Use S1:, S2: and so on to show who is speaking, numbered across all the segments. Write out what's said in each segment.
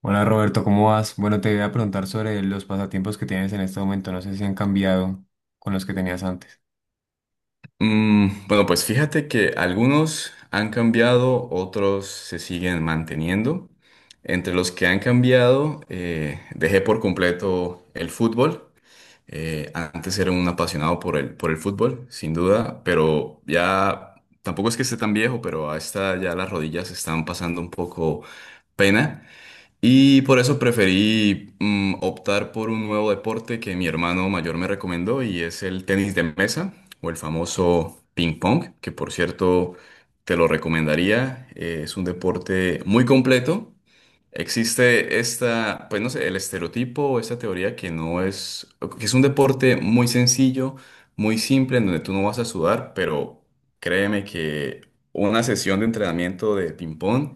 S1: Hola Roberto, ¿cómo vas? Bueno, te voy a preguntar sobre los pasatiempos que tienes en este momento. No sé si han cambiado con los que tenías antes.
S2: Bueno, pues fíjate que algunos han cambiado, otros se siguen manteniendo. Entre los que han cambiado, dejé por completo el fútbol. Antes era un apasionado por el fútbol, sin duda, pero ya tampoco es que esté tan viejo, pero a esta ya las rodillas están pasando un poco pena. Y por eso preferí optar por un nuevo deporte que mi hermano mayor me recomendó, y es el tenis de mesa o el famoso ping pong, que por cierto te lo recomendaría. Es un deporte muy completo. Existe esta, pues no sé, el estereotipo o esta teoría que no es, que es un deporte muy sencillo, muy simple, en donde tú no vas a sudar, pero créeme que una sesión de entrenamiento de ping pong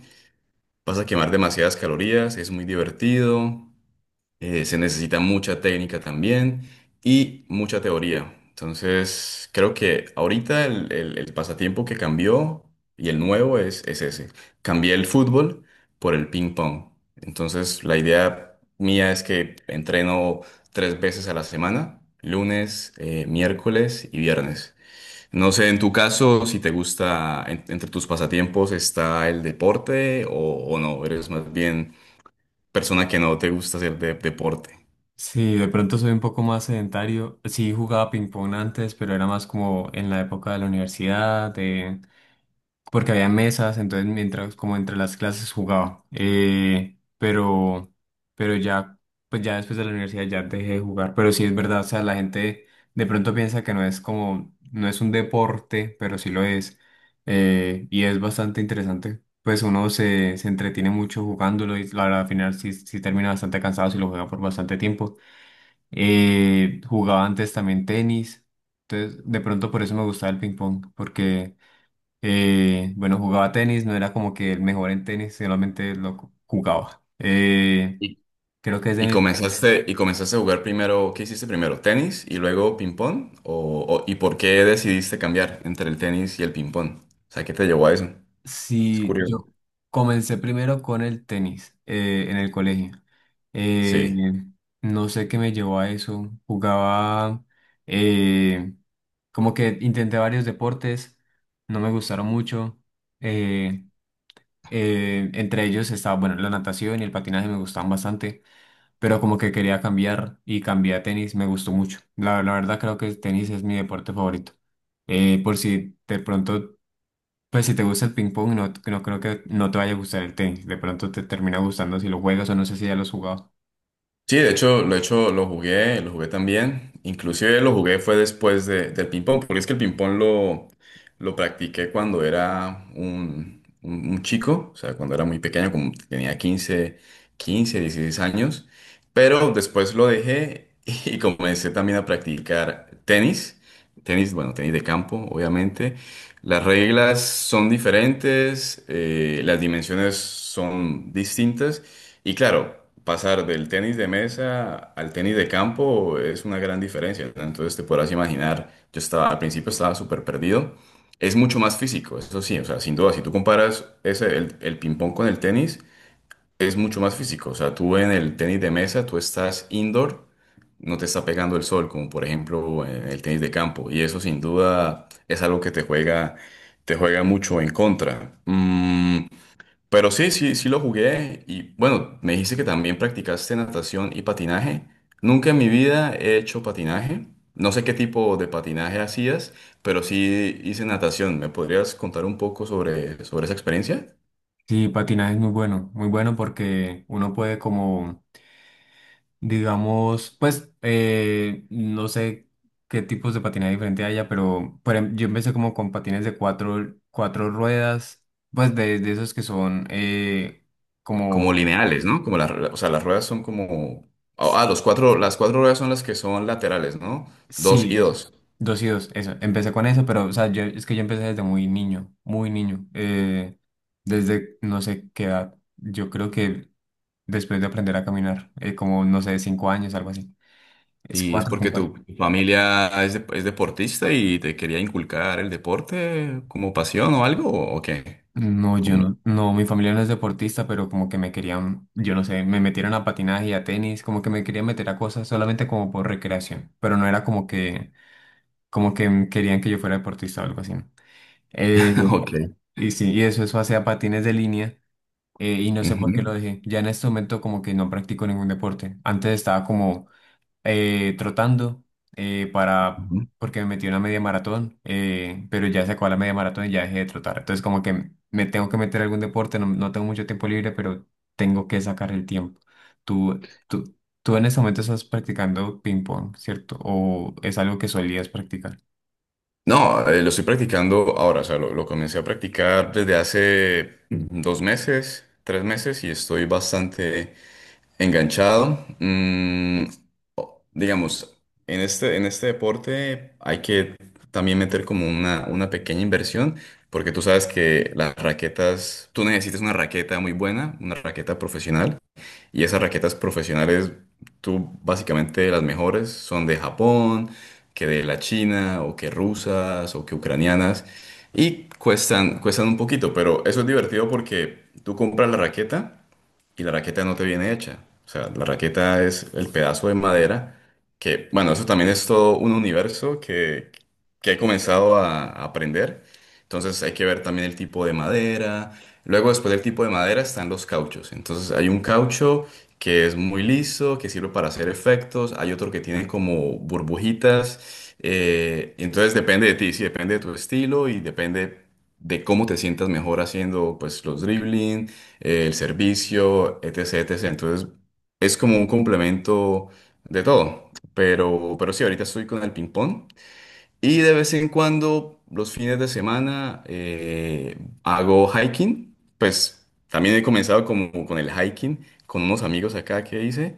S2: vas a quemar demasiadas calorías, es muy divertido, se necesita mucha técnica también y mucha teoría. Entonces, creo que ahorita el pasatiempo que cambió y el nuevo es ese. Cambié el fútbol por el ping pong. Entonces, la idea mía es que entreno tres veces a la semana: lunes, miércoles y viernes. No sé, en tu caso, si te gusta, entre tus pasatiempos está el deporte, o no, eres más bien persona que no te gusta hacer deporte.
S1: Sí, de pronto soy un poco más sedentario. Sí, jugaba ping pong antes, pero era más como en la época de la universidad, porque había mesas, entonces mientras como entre las clases jugaba. Pero ya, pues ya después de la universidad ya dejé de jugar. Pero sí es verdad, o sea, la gente de pronto piensa que no es como, no es un deporte, pero sí lo es. Y es bastante interesante. Pues uno se entretiene mucho jugándolo y la verdad, al final sí, sí termina bastante cansado si lo juega por bastante tiempo. Jugaba antes también tenis. Entonces, de pronto por eso me gustaba el ping pong, porque bueno, jugaba tenis, no era como que el mejor en tenis, solamente jugaba.
S2: Y,
S1: Creo que es de
S2: y
S1: mis...
S2: comenzaste a jugar primero. ¿Qué hiciste primero? ¿Tenis y luego ping-pong? ¿Y por qué decidiste cambiar entre el tenis y el ping-pong? O sea, ¿qué te llevó a eso? Es
S1: Sí,
S2: curioso.
S1: yo comencé primero con el tenis en el colegio. Eh,
S2: Sí.
S1: no sé qué me llevó a eso. Jugaba, eh, como que intenté varios deportes, no me gustaron mucho. Eh, entre ellos estaba, bueno, la natación y el patinaje me gustaban bastante, pero como que quería cambiar y cambié a tenis, me gustó mucho. La verdad creo que el tenis es mi deporte favorito. Por si de pronto, pues si te gusta el ping pong, no, no creo que no te vaya a gustar el tenis. De pronto te termina gustando si lo juegas o no sé si ya lo has jugado.
S2: Sí, de hecho, lo he hecho, lo jugué también. Inclusive lo jugué fue después del ping-pong, porque es que el ping-pong lo practiqué cuando era un chico, o sea, cuando era muy pequeño, como tenía quince, 16 años, pero después lo dejé y comencé también a practicar tenis, bueno, tenis de campo, obviamente. Las reglas son diferentes, las dimensiones son distintas. Y claro, pasar del tenis de mesa al tenis de campo es una gran diferencia, ¿no? Entonces te podrás imaginar, yo estaba al principio, estaba súper perdido. Es mucho más físico, eso sí, o sea, sin duda, si tú comparas ese, el ping-pong con el tenis, es mucho más físico. O sea, tú en el tenis de mesa tú estás indoor, no te está pegando el sol, como por ejemplo en el tenis de campo. Y eso sin duda es algo que te juega mucho en contra. Pero sí, sí, sí lo jugué. Y bueno, me dijiste que también practicaste natación y patinaje. Nunca en mi vida he hecho patinaje. No sé qué tipo de patinaje hacías, pero sí hice natación. ¿Me podrías contar un poco sobre esa experiencia?
S1: Sí, patinaje es muy bueno, muy bueno porque uno puede como, digamos, pues no sé qué tipos de patinaje diferente haya, pero yo empecé como con patines de cuatro ruedas, pues de esos que son
S2: Como
S1: como,
S2: lineales, ¿no? Como las, o sea, las ruedas son como. Ah, ah,
S1: s-
S2: las cuatro ruedas son las que son laterales, ¿no? Dos
S1: sí,
S2: y
S1: eso,
S2: dos.
S1: dos y dos, eso. Empecé con eso, pero o sea, yo, es que yo empecé desde muy niño, desde no sé qué edad, yo creo que después de aprender a caminar, como no sé, 5 años, algo así. Es
S2: ¿Y es
S1: cuatro,
S2: porque
S1: cinco.
S2: tu familia es deportista y te quería inculcar el deporte como pasión, o algo o qué?
S1: No, yo no, no, mi familia no es deportista, pero como que me querían, yo no sé, me metieron a patinaje y a tenis, como que me querían meter a cosas solamente como por recreación, pero no era como que, querían que yo fuera deportista o algo así, ¿no? Eh,
S2: Ok.
S1: y sí, y eso hacía patines de línea, y no sé por qué lo
S2: Ujú,
S1: dejé. Ya en este momento como que no practico ningún deporte. Antes estaba como trotando para
S2: ujú.
S1: porque me metí en una media maratón, pero ya se acabó la media maratón y ya dejé de trotar. Entonces como que me tengo que meter a algún deporte, no, no tengo mucho tiempo libre, pero tengo que sacar el tiempo. Tú, tú, tú en ese momento estás practicando ping pong, ¿cierto? ¿O es algo que solías practicar?
S2: No, lo estoy practicando ahora, o sea, lo comencé a practicar desde hace 2 meses, 3 meses, y estoy bastante enganchado. Digamos, en este deporte hay que también meter como una pequeña inversión, porque tú sabes que las raquetas, tú necesitas una raqueta muy buena, una raqueta profesional. Y esas raquetas profesionales, tú básicamente, las mejores son de Japón, que de la China, o que rusas, o que ucranianas. Y cuestan un poquito, pero eso es divertido porque tú compras la raqueta y la raqueta no te viene hecha. O sea, la raqueta es el pedazo de madera que, bueno, eso también es todo un universo que he comenzado a aprender. Entonces hay que ver también el tipo de madera. Luego, después del tipo de madera, están los cauchos. Entonces hay un caucho que es muy liso, que sirve para hacer efectos. Hay otro que tiene como burbujitas. Entonces depende de ti, sí, depende de tu estilo y depende de cómo te sientas mejor haciendo pues los dribbling, el servicio, etc, etc. Entonces, es como un complemento de todo. Pero sí, ahorita estoy con el ping-pong. Y de vez en cuando, los fines de semana, hago hiking. Pues también he comenzado como con el hiking, con unos amigos acá que hice.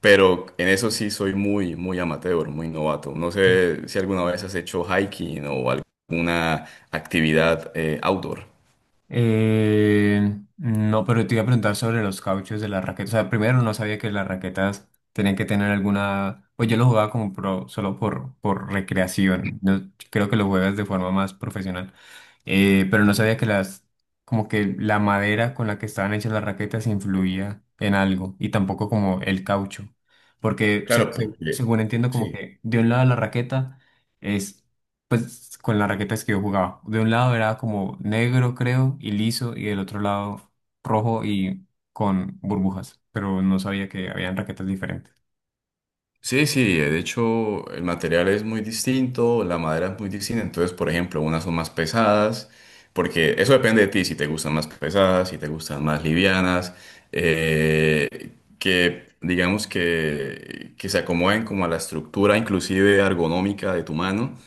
S2: Pero en eso sí soy muy, muy amateur, muy novato. No sé si alguna vez has hecho hiking o alguna actividad outdoor.
S1: No, pero te iba a preguntar sobre los cauchos de las raquetas. O sea, primero no sabía que las raquetas tenían que tener alguna. Pues yo lo jugaba como pro, solo por recreación. No creo que lo juegas de forma más profesional. Pero no sabía que las. Como que la madera con la que estaban hechas las raquetas influía en algo. Y tampoco como el caucho. Porque
S2: Claro, porque.
S1: según entiendo, como
S2: Sí.
S1: que de un lado la raqueta es, pues con las raquetas que yo jugaba. De un lado era como negro, creo, y liso, y del otro lado rojo y con burbujas, pero no sabía que habían raquetas diferentes.
S2: Sí, sí, de hecho el material es muy distinto, la madera es muy distinta, entonces por ejemplo unas son más pesadas, porque eso depende de ti, si te gustan más pesadas, si te gustan más livianas, eh, que digamos que se acomoden como a la estructura inclusive ergonómica de tu mano.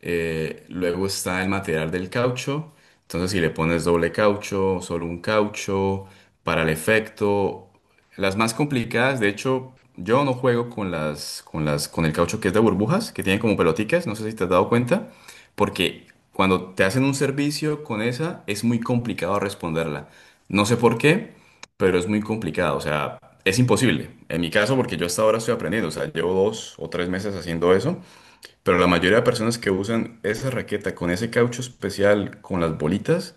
S2: Luego está el material del caucho. Entonces, si le pones doble caucho, solo un caucho, para el efecto. Las más complicadas, de hecho, yo no juego con el caucho que es de burbujas, que tiene como pelotitas, no sé si te has dado cuenta, porque cuando te hacen un servicio con esa, es muy complicado responderla. No sé por qué, pero es muy complicado, o sea, es imposible. En mi caso, porque yo hasta ahora estoy aprendiendo, o sea, llevo 2 o 3 meses haciendo eso. Pero la mayoría de personas que usan esa raqueta con ese caucho especial, con las bolitas,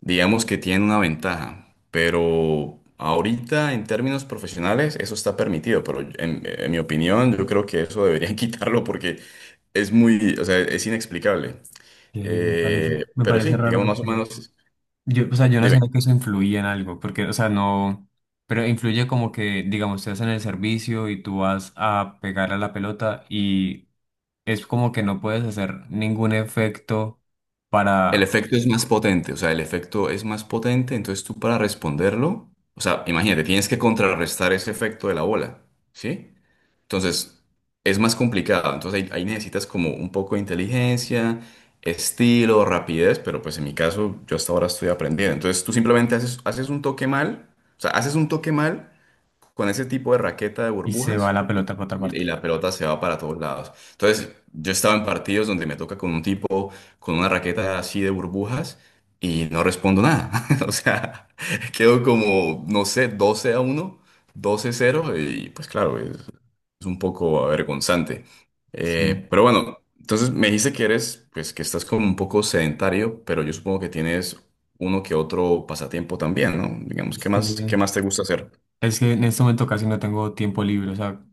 S2: digamos que tienen una ventaja. Pero ahorita, en términos profesionales, eso está permitido. Pero en mi opinión, yo creo que eso deberían quitarlo porque es muy, o sea, es inexplicable. Eh,
S1: Me
S2: pero sí,
S1: parece raro
S2: digamos, más o
S1: porque
S2: menos,
S1: yo, o sea, yo no
S2: dime,
S1: sabía que eso influía en algo, porque, o sea, no, pero influye como que, digamos, te hacen el servicio y tú vas a pegar a la pelota y es como que no puedes hacer ningún efecto
S2: el
S1: para
S2: efecto es más potente, o sea, el efecto es más potente, entonces tú para responderlo, o sea, imagínate, tienes que contrarrestar ese efecto de la bola, ¿sí? Entonces, es más complicado. Entonces, ahí necesitas como un poco de inteligencia, estilo, rapidez, pero pues en mi caso, yo hasta ahora estoy aprendiendo. Entonces, tú simplemente haces un toque mal, o sea, haces un toque mal con ese tipo de raqueta de
S1: y se va
S2: burbujas,
S1: la pelota para otra
S2: y
S1: parte.
S2: la pelota se va para todos lados. Entonces, yo estaba en partidos donde me toca con un tipo con una raqueta así de burbujas, y no respondo nada. O sea, quedo como, no sé, 12-1, doce a 0, y pues claro, es un poco avergonzante. Eh,
S1: Sí.
S2: pero bueno, entonces me dijiste que eres, pues que estás como un poco sedentario, pero yo supongo que tienes uno que otro pasatiempo también, ¿no? Digamos,
S1: Es que
S2: qué más te gusta hacer?
S1: Es que en este momento casi no tengo tiempo libre, o sea,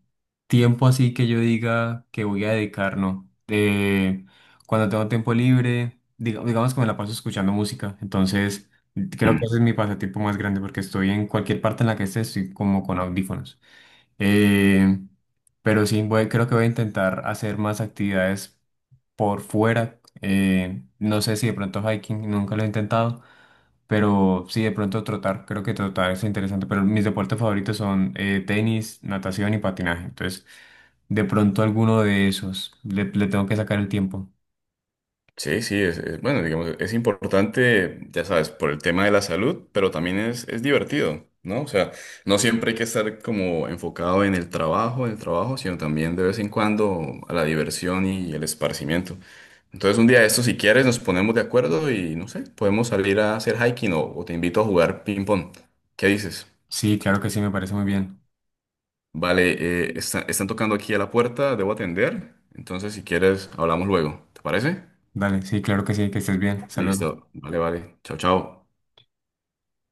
S1: tiempo así que yo diga que voy a dedicar, no. Cuando tengo tiempo libre, digamos que me la paso escuchando música, entonces creo que ese es mi pasatiempo más grande porque estoy en cualquier parte en la que esté, estoy como con audífonos. Eh, pero sí, voy, creo que voy a intentar hacer más actividades por fuera. Eh, no sé si de pronto hiking, nunca lo he intentado. Pero sí, de pronto trotar, creo que trotar es interesante, pero mis deportes favoritos son tenis, natación y patinaje. Entonces, de pronto alguno de esos, le tengo que sacar el tiempo.
S2: Sí, sí, bueno, digamos, es importante, ya sabes, por el tema de la salud, pero también es divertido, ¿no? O sea, no siempre hay que estar como enfocado en el trabajo, sino también de vez en cuando a la diversión y el esparcimiento. Entonces, un día de estos, si quieres, nos ponemos de acuerdo y, no sé, podemos salir a hacer hiking, o te invito a jugar ping-pong. ¿Qué dices?
S1: Sí, claro que sí, me parece muy bien.
S2: Vale, están tocando aquí a la puerta, debo atender. Entonces, si quieres, hablamos luego. ¿Te parece?
S1: Dale, sí, claro que sí, que estés bien. Saludos.
S2: Listo. Vale, vale. Chao, chao.